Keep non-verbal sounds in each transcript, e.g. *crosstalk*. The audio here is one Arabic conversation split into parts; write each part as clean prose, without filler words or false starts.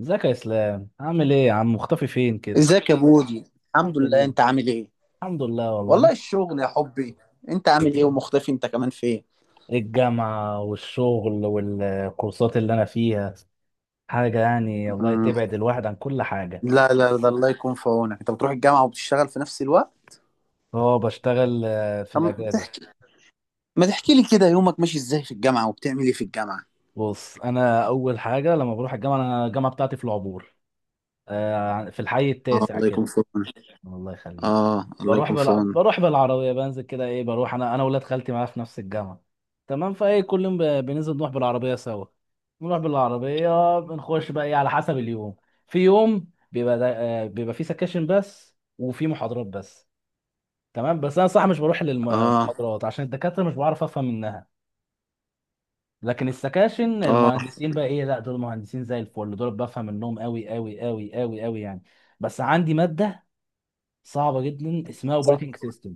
ازيك يا اسلام؟ عامل ايه يا عم؟ مختفي فين كده؟ ازيك يا بودي. الحمد الحمد لله، لله. انت عامل ايه؟ الحمد لله والله والله الشغل يا حبي. انت عامل ايه ومختفي انت كمان فين؟ الجامعة والشغل والكورسات اللي انا فيها حاجة، يعني الله مم. تبعد الواحد عن كل حاجة. لا لا، ده الله يكون في عونك، انت بتروح الجامعة وبتشتغل في نفس الوقت. اه بشتغل، في طب ما الاجازة. تح- ما تحكي لي كده يومك ماشي ازاي في الجامعة وبتعمل ايه في الجامعة؟ بص، انا اول حاجة لما بروح الجامعة، انا الجامعة بتاعتي في العبور، في الحي اه التاسع الله يكون كده. في عونك. الله يخليك. اه الله يكون في عونك. بروح بالعربيه، بنزل كده، ايه، بروح انا ولاد خالتي معايا في نفس الجامعه. تمام، فايه كل يوم بننزل نروح بالعربيه سوا. نروح بالعربيه، بنخش بقى ايه على حسب اليوم. في يوم بيبقى فيه سكاشن بس، وفي محاضرات بس. تمام. بس انا صح مش بروح اه للمحاضرات عشان الدكاتره مش بعرف افهم منها، لكن السكاشن اه المهندسين بقى، ايه، لا دول مهندسين زي الفل، دول بفهم منهم قوي قوي قوي قوي قوي يعني. بس عندي ماده صعبه جدا اسمها اوبريتنج سيستم.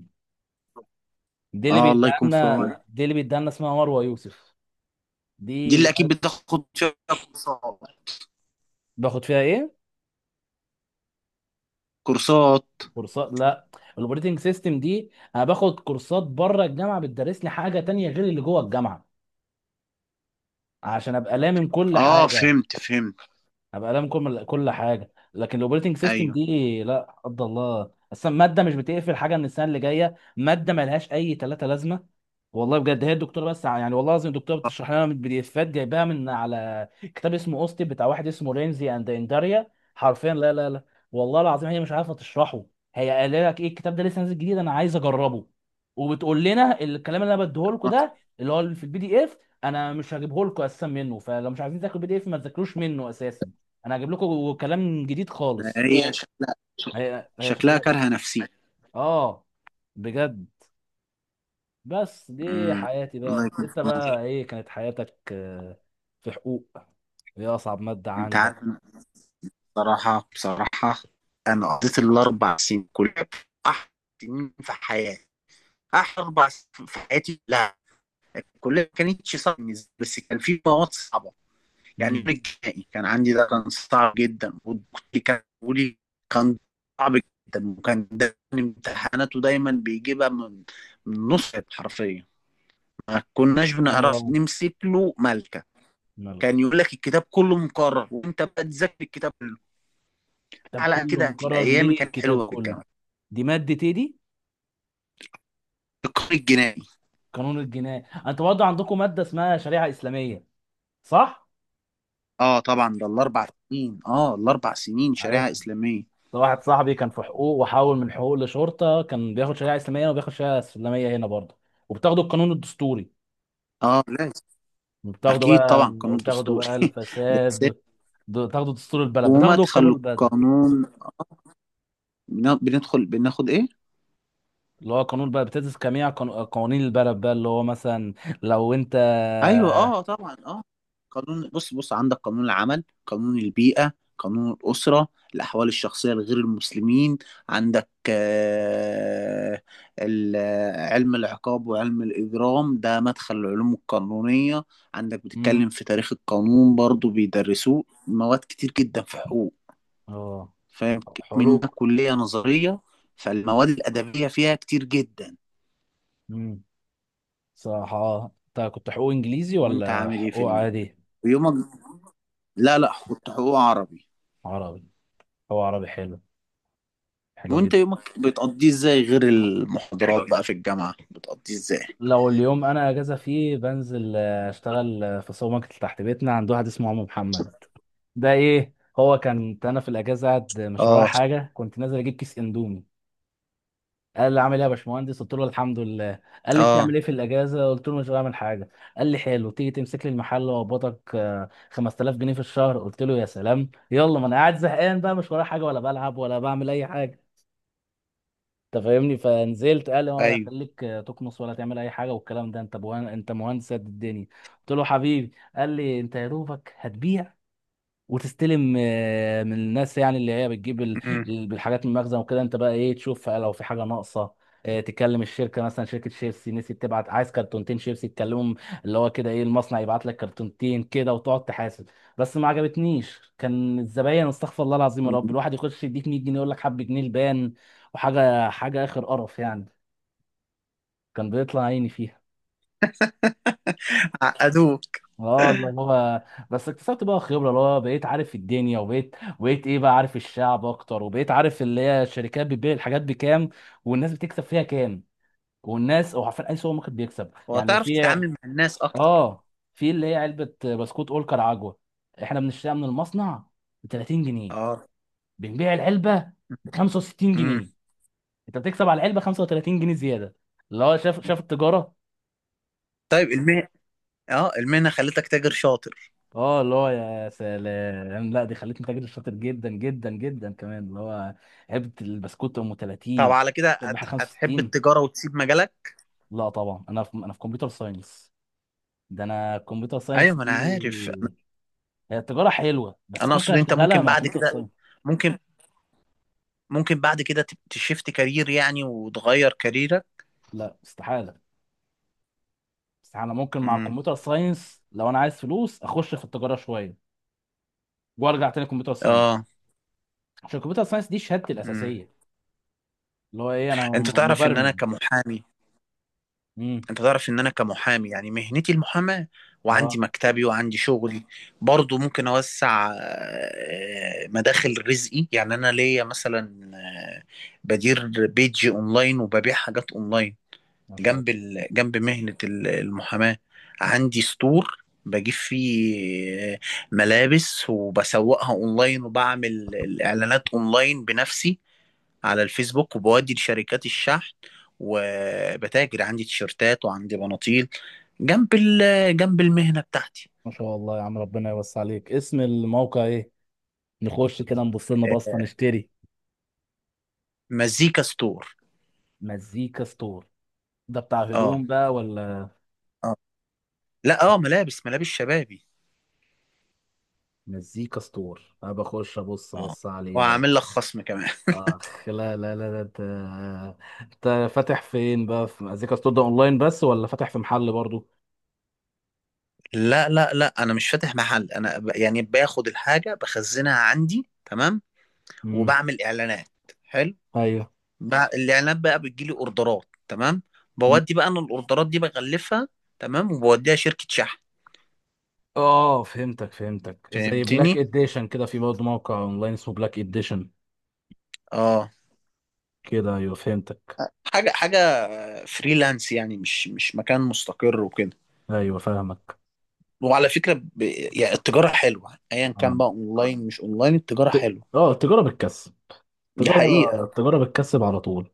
دي اللي اه الله بيديها يكون في عونك. لنا دي اللي بيديها لنا اسمها مروه يوسف. دي دي اللي اكيد بتاخد فيها كورسات. باخد فيها ايه؟ كورسات. كورسات؟ لا، الاوبريتنج سيستم دي انا باخد كورسات بره الجامعه بتدرس لي حاجه تانية غير اللي جوه الجامعه، عشان ابقى لامم كل اه حاجه. فهمت فهمت. ابقى لامم كل حاجه. لكن الاوبريتنج سيستم ايوه. دي لا قدر الله، اصلا ماده مش بتقفل حاجه من السنه اللي جايه، ماده ملهاش اي ثلاثه لازمه. والله بجد، هي الدكتوره بس يعني والله العظيم الدكتوره بتشرح لنا من البي دي افات، جايباها من على كتاب اسمه اوستن، بتاع واحد اسمه رينزي اند انداريا. حرفيا لا لا لا، والله العظيم هي مش عارفه تشرحه. هي قال لك ايه: الكتاب ده لسه نازل جديد انا عايز اجربه. وبتقول لنا الكلام اللي انا بديه لكم آه. ده اللي هو في البي دي اف، انا مش هجيبه لكم اساسا منه، فلو مش عايزين تاكلوا البي دي اف ما تذاكروش منه اساسا، انا هجيب لكم كلام جديد خالص. هي شكلها، هي شكلها شكلها. كارهة نفسي. اه بجد. بس دي امم. حياتي الله بقى، يكون في انت عونك. بقى، ايه، كانت حياتك؟ آه، في حقوق، ايه اصعب مادة انت عندك؟ عارف إن بصراحة بصراحة، انا قضيت الاربع سنين كلها احلى سنين في حياتي، احلى اربع سنين في حياتي. لا كلها ما كانتش صعبة بالنسبة لي، بس كان في مواد صعبة. يعني يوم امم. الجنائي كان عندي، ده كان صعب جدا، والدكتور كان بيقول لي كان صعب جدا، وكان دايما امتحاناته دايما بيجيبها من نص حرفيا، ما كناش بنعرف اه، نمسك له ملكة. كان مالك؟ يقول لك الكتاب كله مكرر، وانت بقى تذاكر الكتاب. كتاب على كله كده في مكرر الايام ليه؟ كانت الكتاب حلوه في كله؟ الجامعه. دي مادة ايه دي؟ القانون الجنائي. قانون الجناية. انتوا برضه عندكم مادة اسمها شريعة اسلامية، صح؟ اه طبعا، ده الاربع سنين، اه الاربع سنين عارف، شريعه اسلاميه. ده واحد صاحبي كان في حقوق وحول من حقوق لشرطة، كان بياخد شريعة اسلامية، وبياخد شريعة اسلامية هنا برضه. وبتاخدوا القانون الدستوري، اه لازم. وبتاخدوا اكيد بقى، طبعا، قانون وبتاخدوا دستوري. بقى *laughs* ده أساسي. الفساد، بتاخدوا دستور البلد، بتاخدوا ومدخل القانون البلد، القانون. بندخل بناخد ايه؟ اللي هو قانون بقى بتدرس جميع قوانين البلد بقى، اللي هو مثلا لو انت، ايوه اه طبعا اه. قانون، بص بص، عندك قانون العمل، قانون البيئة، قانون الأسرة، الأحوال الشخصية لغير المسلمين. عندك علم العقاب وعلم الإجرام، ده مدخل العلوم القانونية. عندك مم. بتتكلم في تاريخ القانون برضو بيدرسوه، مواد كتير جدا في حقوق. اه، فاهم؟ منها حقوق. كلية نظرية، فالمواد الأدبية فيها كتير جدا. امم. صح، اه انت كنت حقوق انجليزي وأنت ولا عامل إيه في حقوق ال- عادي؟ ويومك. لا لا، كنت حقوق عربي. عربي؟ هو عربي حلو، حلو وانت جدا. يومك بتقضيه ازاي غير المحاضرات بقى في الجامعة، بتقضيه ازاي؟ لو اليوم انا اجازه فيه، بنزل اشتغل، في سوبر ماركت تحت بيتنا عند واحد اسمه عم محمد. ده ايه هو، كان انا في الاجازه قاعد مش ورايا اه. حاجه، كنت نازل اجيب كيس اندومي، قال لي عامل ايه يا باشمهندس؟ قلت له الحمد لله. قال لي اه. بتعمل ايه في الاجازه؟ قلت له مش بعمل حاجه. قال لي حلو، تيجي تمسك لي المحل واقبضك، 5000 جنيه في الشهر. قلت له يا سلام، يلا، ما انا قاعد زهقان بقى، مش ورايا حاجه، ولا بلعب ولا بعمل اي حاجه، انت فاهمني. فنزلت قال لي، ولا ايوه. هخليك تكنس ولا تعمل اي حاجه والكلام ده، انت انت مهندس قد الدنيا. قلت له حبيبي. قال لي انت يا دوبك هتبيع وتستلم، من الناس يعني اللي هي بتجيب امم. الحاجات من المخزن وكده، انت بقى ايه، تشوف لو في حاجه ناقصه، تكلم الشركه، مثلا شركه شيبسي نسيت تبعت، عايز كرتونتين شيبسي، تكلمهم، اللي هو كده ايه المصنع يبعت لك كرتونتين كده، وتقعد تحاسب. بس ما عجبتنيش، كان الزباين استغفر الله العظيم، يا رب، *laughs* الواحد يخش يديك 100 جنيه يقول لك حب جنيه البان وحاجه حاجه، اخر قرف يعني، كان بيطلع عيني فيها. عقدوك. اه اللي هو، بس اكتسبت بقى خبره، اللي هو بقيت عارف الدنيا، وبقيت ايه بقى، عارف الشعب اكتر، وبقيت عارف اللي هي الشركات بتبيع الحاجات بكام، والناس بتكسب فيها كام، والناس او عارفين اي سوبر ماركت بيكسب يعني. وتعرف في، تتعامل مع الناس اكتر. اه، في اللي هي علبه بسكوت اولكر عجوه، احنا بنشتريها من المصنع ب 30 جنيه، اه. بنبيع العلبه ب 65 امم. جنيه انت بتكسب على العلبه 35 جنيه زياده، اللي هو شاف التجاره. طيب المهنة، اه المهنة خلتك تاجر شاطر. اه اللي هو يا سلام، لا دي خلتني تاجر شاطر جدا جدا جدا كمان، اللي هو علبه البسكوت ام طب 30، على كده ربح هتحب 65. التجارة وتسيب مجالك؟ لا طبعا انا في، انا في كمبيوتر ساينس، ده انا الكمبيوتر ايوه ساينس ما انا دي. عارف. هي التجاره حلوه، بس انا ممكن اقصد انت اشتغلها ممكن مع بعد كمبيوتر كده، ساينس. ممكن، ممكن بعد كده تشفت كارير يعني وتغير كاريرك. لا استحاله، استحاله، ممكن مع امم. الكمبيوتر ساينس لو انا عايز فلوس اخش في التجاره شويه وارجع تاني كمبيوتر اه. ساينس، عشان الكمبيوتر ساينس دي شهادتي امم. الاساسيه، اللي هو ايه، انا انت تعرف ان انا مبرمج. كمحامي امم. انت تعرف ان انا كمحامي، يعني مهنتي المحاماة، وعندي اه. مكتبي وعندي شغلي. برضو ممكن اوسع مداخل رزقي. يعني انا ليا مثلا بدير بيج اونلاين وببيع حاجات اونلاين ما شاء الله، جنب مهنة المحاماة. عندي ستور بجيب فيه ملابس وبسوقها اونلاين، وبعمل الاعلانات اونلاين بنفسي على الفيسبوك، وبودي لشركات الشحن. وبتاجر عندي تيشيرتات وعندي بناطيل جنب المهنة بتاعتي. ما شاء الله يا عم، ربنا يوسع عليك. اسم الموقع ايه؟ نخش كده نبص لنا آه، بصه نشتري. مزيكا ستور. مزيكا ستور؟ ده بتاع اه. هدوم بقى ولا؟ اه. لا اه، ملابس، ملابس شبابي. مزيكا ستور، انا بخش ابص، اه بص عليه بقى. وعامل لك خصم كمان. اخ لا لا لا، ده انت، انت فاتح فين بقى في مزيكا ستور ده، اونلاين بس ولا فاتح في محل برضو؟ *laughs* لا لا لا، انا مش فاتح محل، انا يعني باخد الحاجه بخزنها عندي، تمام؟ امم. وبعمل اعلانات. حلو. ايوه. الاعلانات بقى بتجيلي اوردرات، تمام؟ مم. بودي بقى انا الاوردرات دي بغلفها، تمام، وبوديها شركه شحن. اه، فهمتك فهمتك، زي بلاك فهمتني؟ اديشن كده، في برضه موقع اونلاين اسمه بلاك اديشن اه. كده. ايوه فهمتك. حاجة حاجة فريلانس يعني، مش مكان مستقر وكده. ايوه فاهمك. وعلى فكرة يعني التجارة حلوة، ايا كان آه. بقى اونلاين مش اونلاين، التجارة حلوة. اه، تجارة بالكسب، دي التجارة، حقيقة. التجارة بتكسب على طول.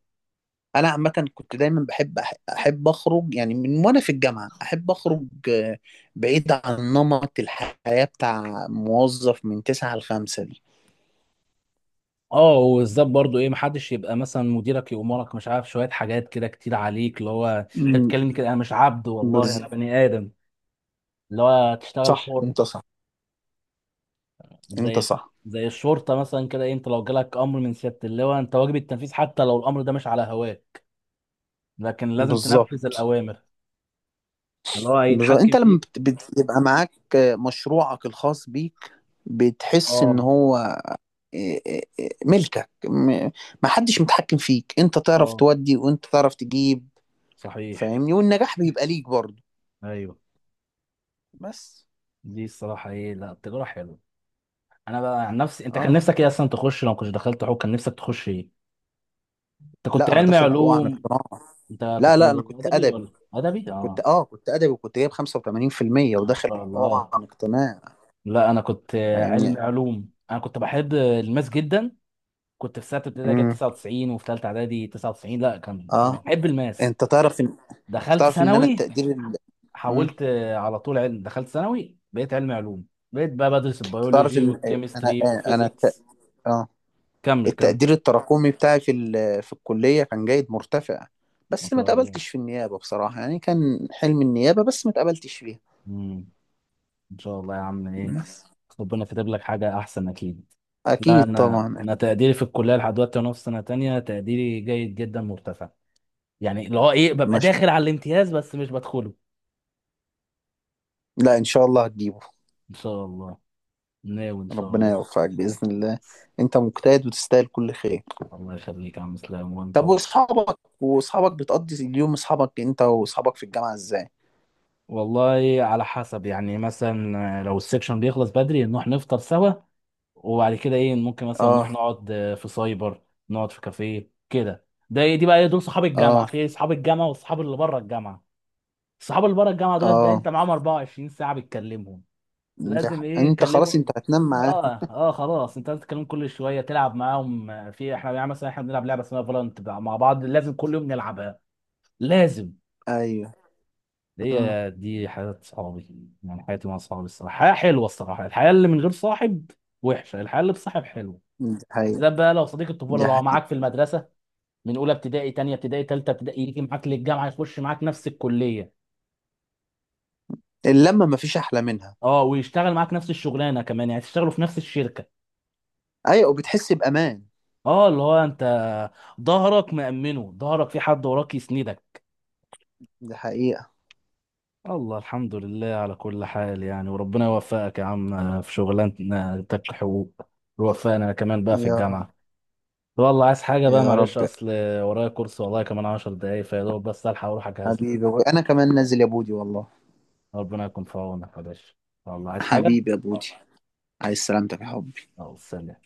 انا عامة كنت دايما بحب احب اخرج يعني، من وانا في الجامعة احب اخرج بعيد عن نمط الحياة بتاع موظف من تسعة لخمسة دي. اه، وبالذات برضو ايه، محدش يبقى مثلا مديرك يأمرك مش عارف شويه حاجات كده كتير عليك، اللي هو انت أمم. بتتكلمني كده، انا مش عبد والله، انا بالظبط. بني ادم. اللي هو تشتغل صح حر، انت صح. انت زي، صح. زي الشرطه مثلا كده، إيه، انت لو جالك امر من سياده اللواء انت واجب التنفيذ، حتى لو الامر ده مش على هواك لكن لازم تنفذ بالظبط. الاوامر، اللي هو بالظبط، هيتحكم انت لما فيك. بتبقى معاك مشروعك الخاص بيك، بتحس ان اه. هو ملكك، محدش متحكم فيك، انت تعرف اه تودي وانت تعرف تجيب. صحيح. فاهمني؟ والنجاح بيبقى ليك برضه. ايوه. بس. دي الصراحه ايه، لا التجاره حلوه. انا بقى عن نفسي، انت كان اه. نفسك ايه اصلا تخش، لو كنتش دخلت حقوق كان نفسك تخش ايه؟ انت كنت لا انا علمي داخل حقوق عن علوم، اقتناع. انت لا كنت لا، انا كنت ادبي ادبي، ولا؟ ادبي، كنت اه، اه كنت ادبي وكنت جايب 85% ما وداخل شاء حقوق الله. عن اقتناع. لا انا كنت علمي فاهمني؟ علوم، انا كنت بحب الماس جدا، كنت في سنه ابتدائي جايب امم. 99، وفي ثالثه اعدادي 99. لا كنت اه. بحب الماس، انت تعرف ان انت دخلت تعرف ان انا ثانوي، التقدير ال... مم. حولت على طول علم، دخلت ثانوي بقيت علمي علوم، بقيت بقى بدرس انت تعرف البيولوجي ان انا والكيمستري انا الت... والفيزيكس. اه كمل كمل. التقدير التراكمي بتاعي في في الكلية كان جيد مرتفع، ما بس ما شاء اتقبلتش في النيابة بصراحة. يعني كان حلم النيابة، بس ما اتقبلتش فيها. الله، ان شاء الله يا عم، ايه، بس. ربنا كاتب لك حاجه احسن اكيد. لا أكيد انا طبعا. انا تقديري في الكليه لحد دلوقتي، وانا في سنه تانية تقديري جيد جدا مرتفع، يعني اللي هو ايه، ببقى مش... داخل على الامتياز بس مش بدخله. لا إن شاء الله هتجيبه. ان شاء الله، ناوي ان شاء ربنا الله. يوفقك بإذن الله، أنت مجتهد وتستاهل كل خير. الله يخليك يا عم اسلام، وانت طب و، وأصحابك، وأصحابك بتقضي اليوم أصحابك، أنت وأصحابك في الجامعة إزاي؟ والله على حسب يعني، مثلا لو السكشن بيخلص بدري نروح نفطر سوا، وبعد كده ايه ممكن مثلا نروح آه. نقعد في سايبر، نقعد في كافيه كده، ده إيه، دي بقى إيه، دول صحاب الجامعه، آه. في إيه، صحاب الجامعه واصحاب اللي بره الجامعه. الصحاب اللي بره الجامعه دولت بقى آه. انت معاهم 24 ساعه بتكلمهم، لازم ايه أنت خلاص تكلموا. أنت هتنام معاهم. اه. خلاص انت لازم تتكلم كل شويه، تلعب معاهم، في احنا يعني مثلا احنا بنلعب لعبه اسمها فالنت مع بعض، لازم كل يوم نلعبها لازم. أيوه. أمم. هي دي حياه صحابي، يعني حياتي مع صحابي الصراحه حياه حلوه، الصراحه الحياه اللي من غير صاحب وحشه، الحياه اللي بصاحب حلوه. دي حقيقة. بالذات بقى لو صديق الطفوله، دي لو حقيقة. معاك في المدرسه من اولى ابتدائي، تانية ابتدائي، تالتة ابتدائي، يجي معاك للجامعه، يخش معاك نفس الكليه، اللمة مفيش أحلى منها. اه، ويشتغل معاك نفس الشغلانه كمان، يعني تشتغلوا في نفس الشركه. ايوه وبتحس بامان. اه اللي هو انت ظهرك مأمنه، ظهرك في حد وراك يسندك. دي حقيقه. الله، الحمد لله على كل حال يعني. وربنا يوفقك يا عم في شغلانتك حقوق، ويوفقنا كمان بقى في يا الجامعه. والله عايز حاجه بقى؟ يا معلش رب يا اصل ورايا كورس والله، كمان 10 دقايق فيا دوب، بس الحق اروح اجهز لي. حبيبي. انا كمان نازل يا بودي والله. ربنا يكون في عونك يا باشا. والله عايز حاجه؟ حبيبي يا بودي، عايز سلامتك يا حبي. اه، سلام.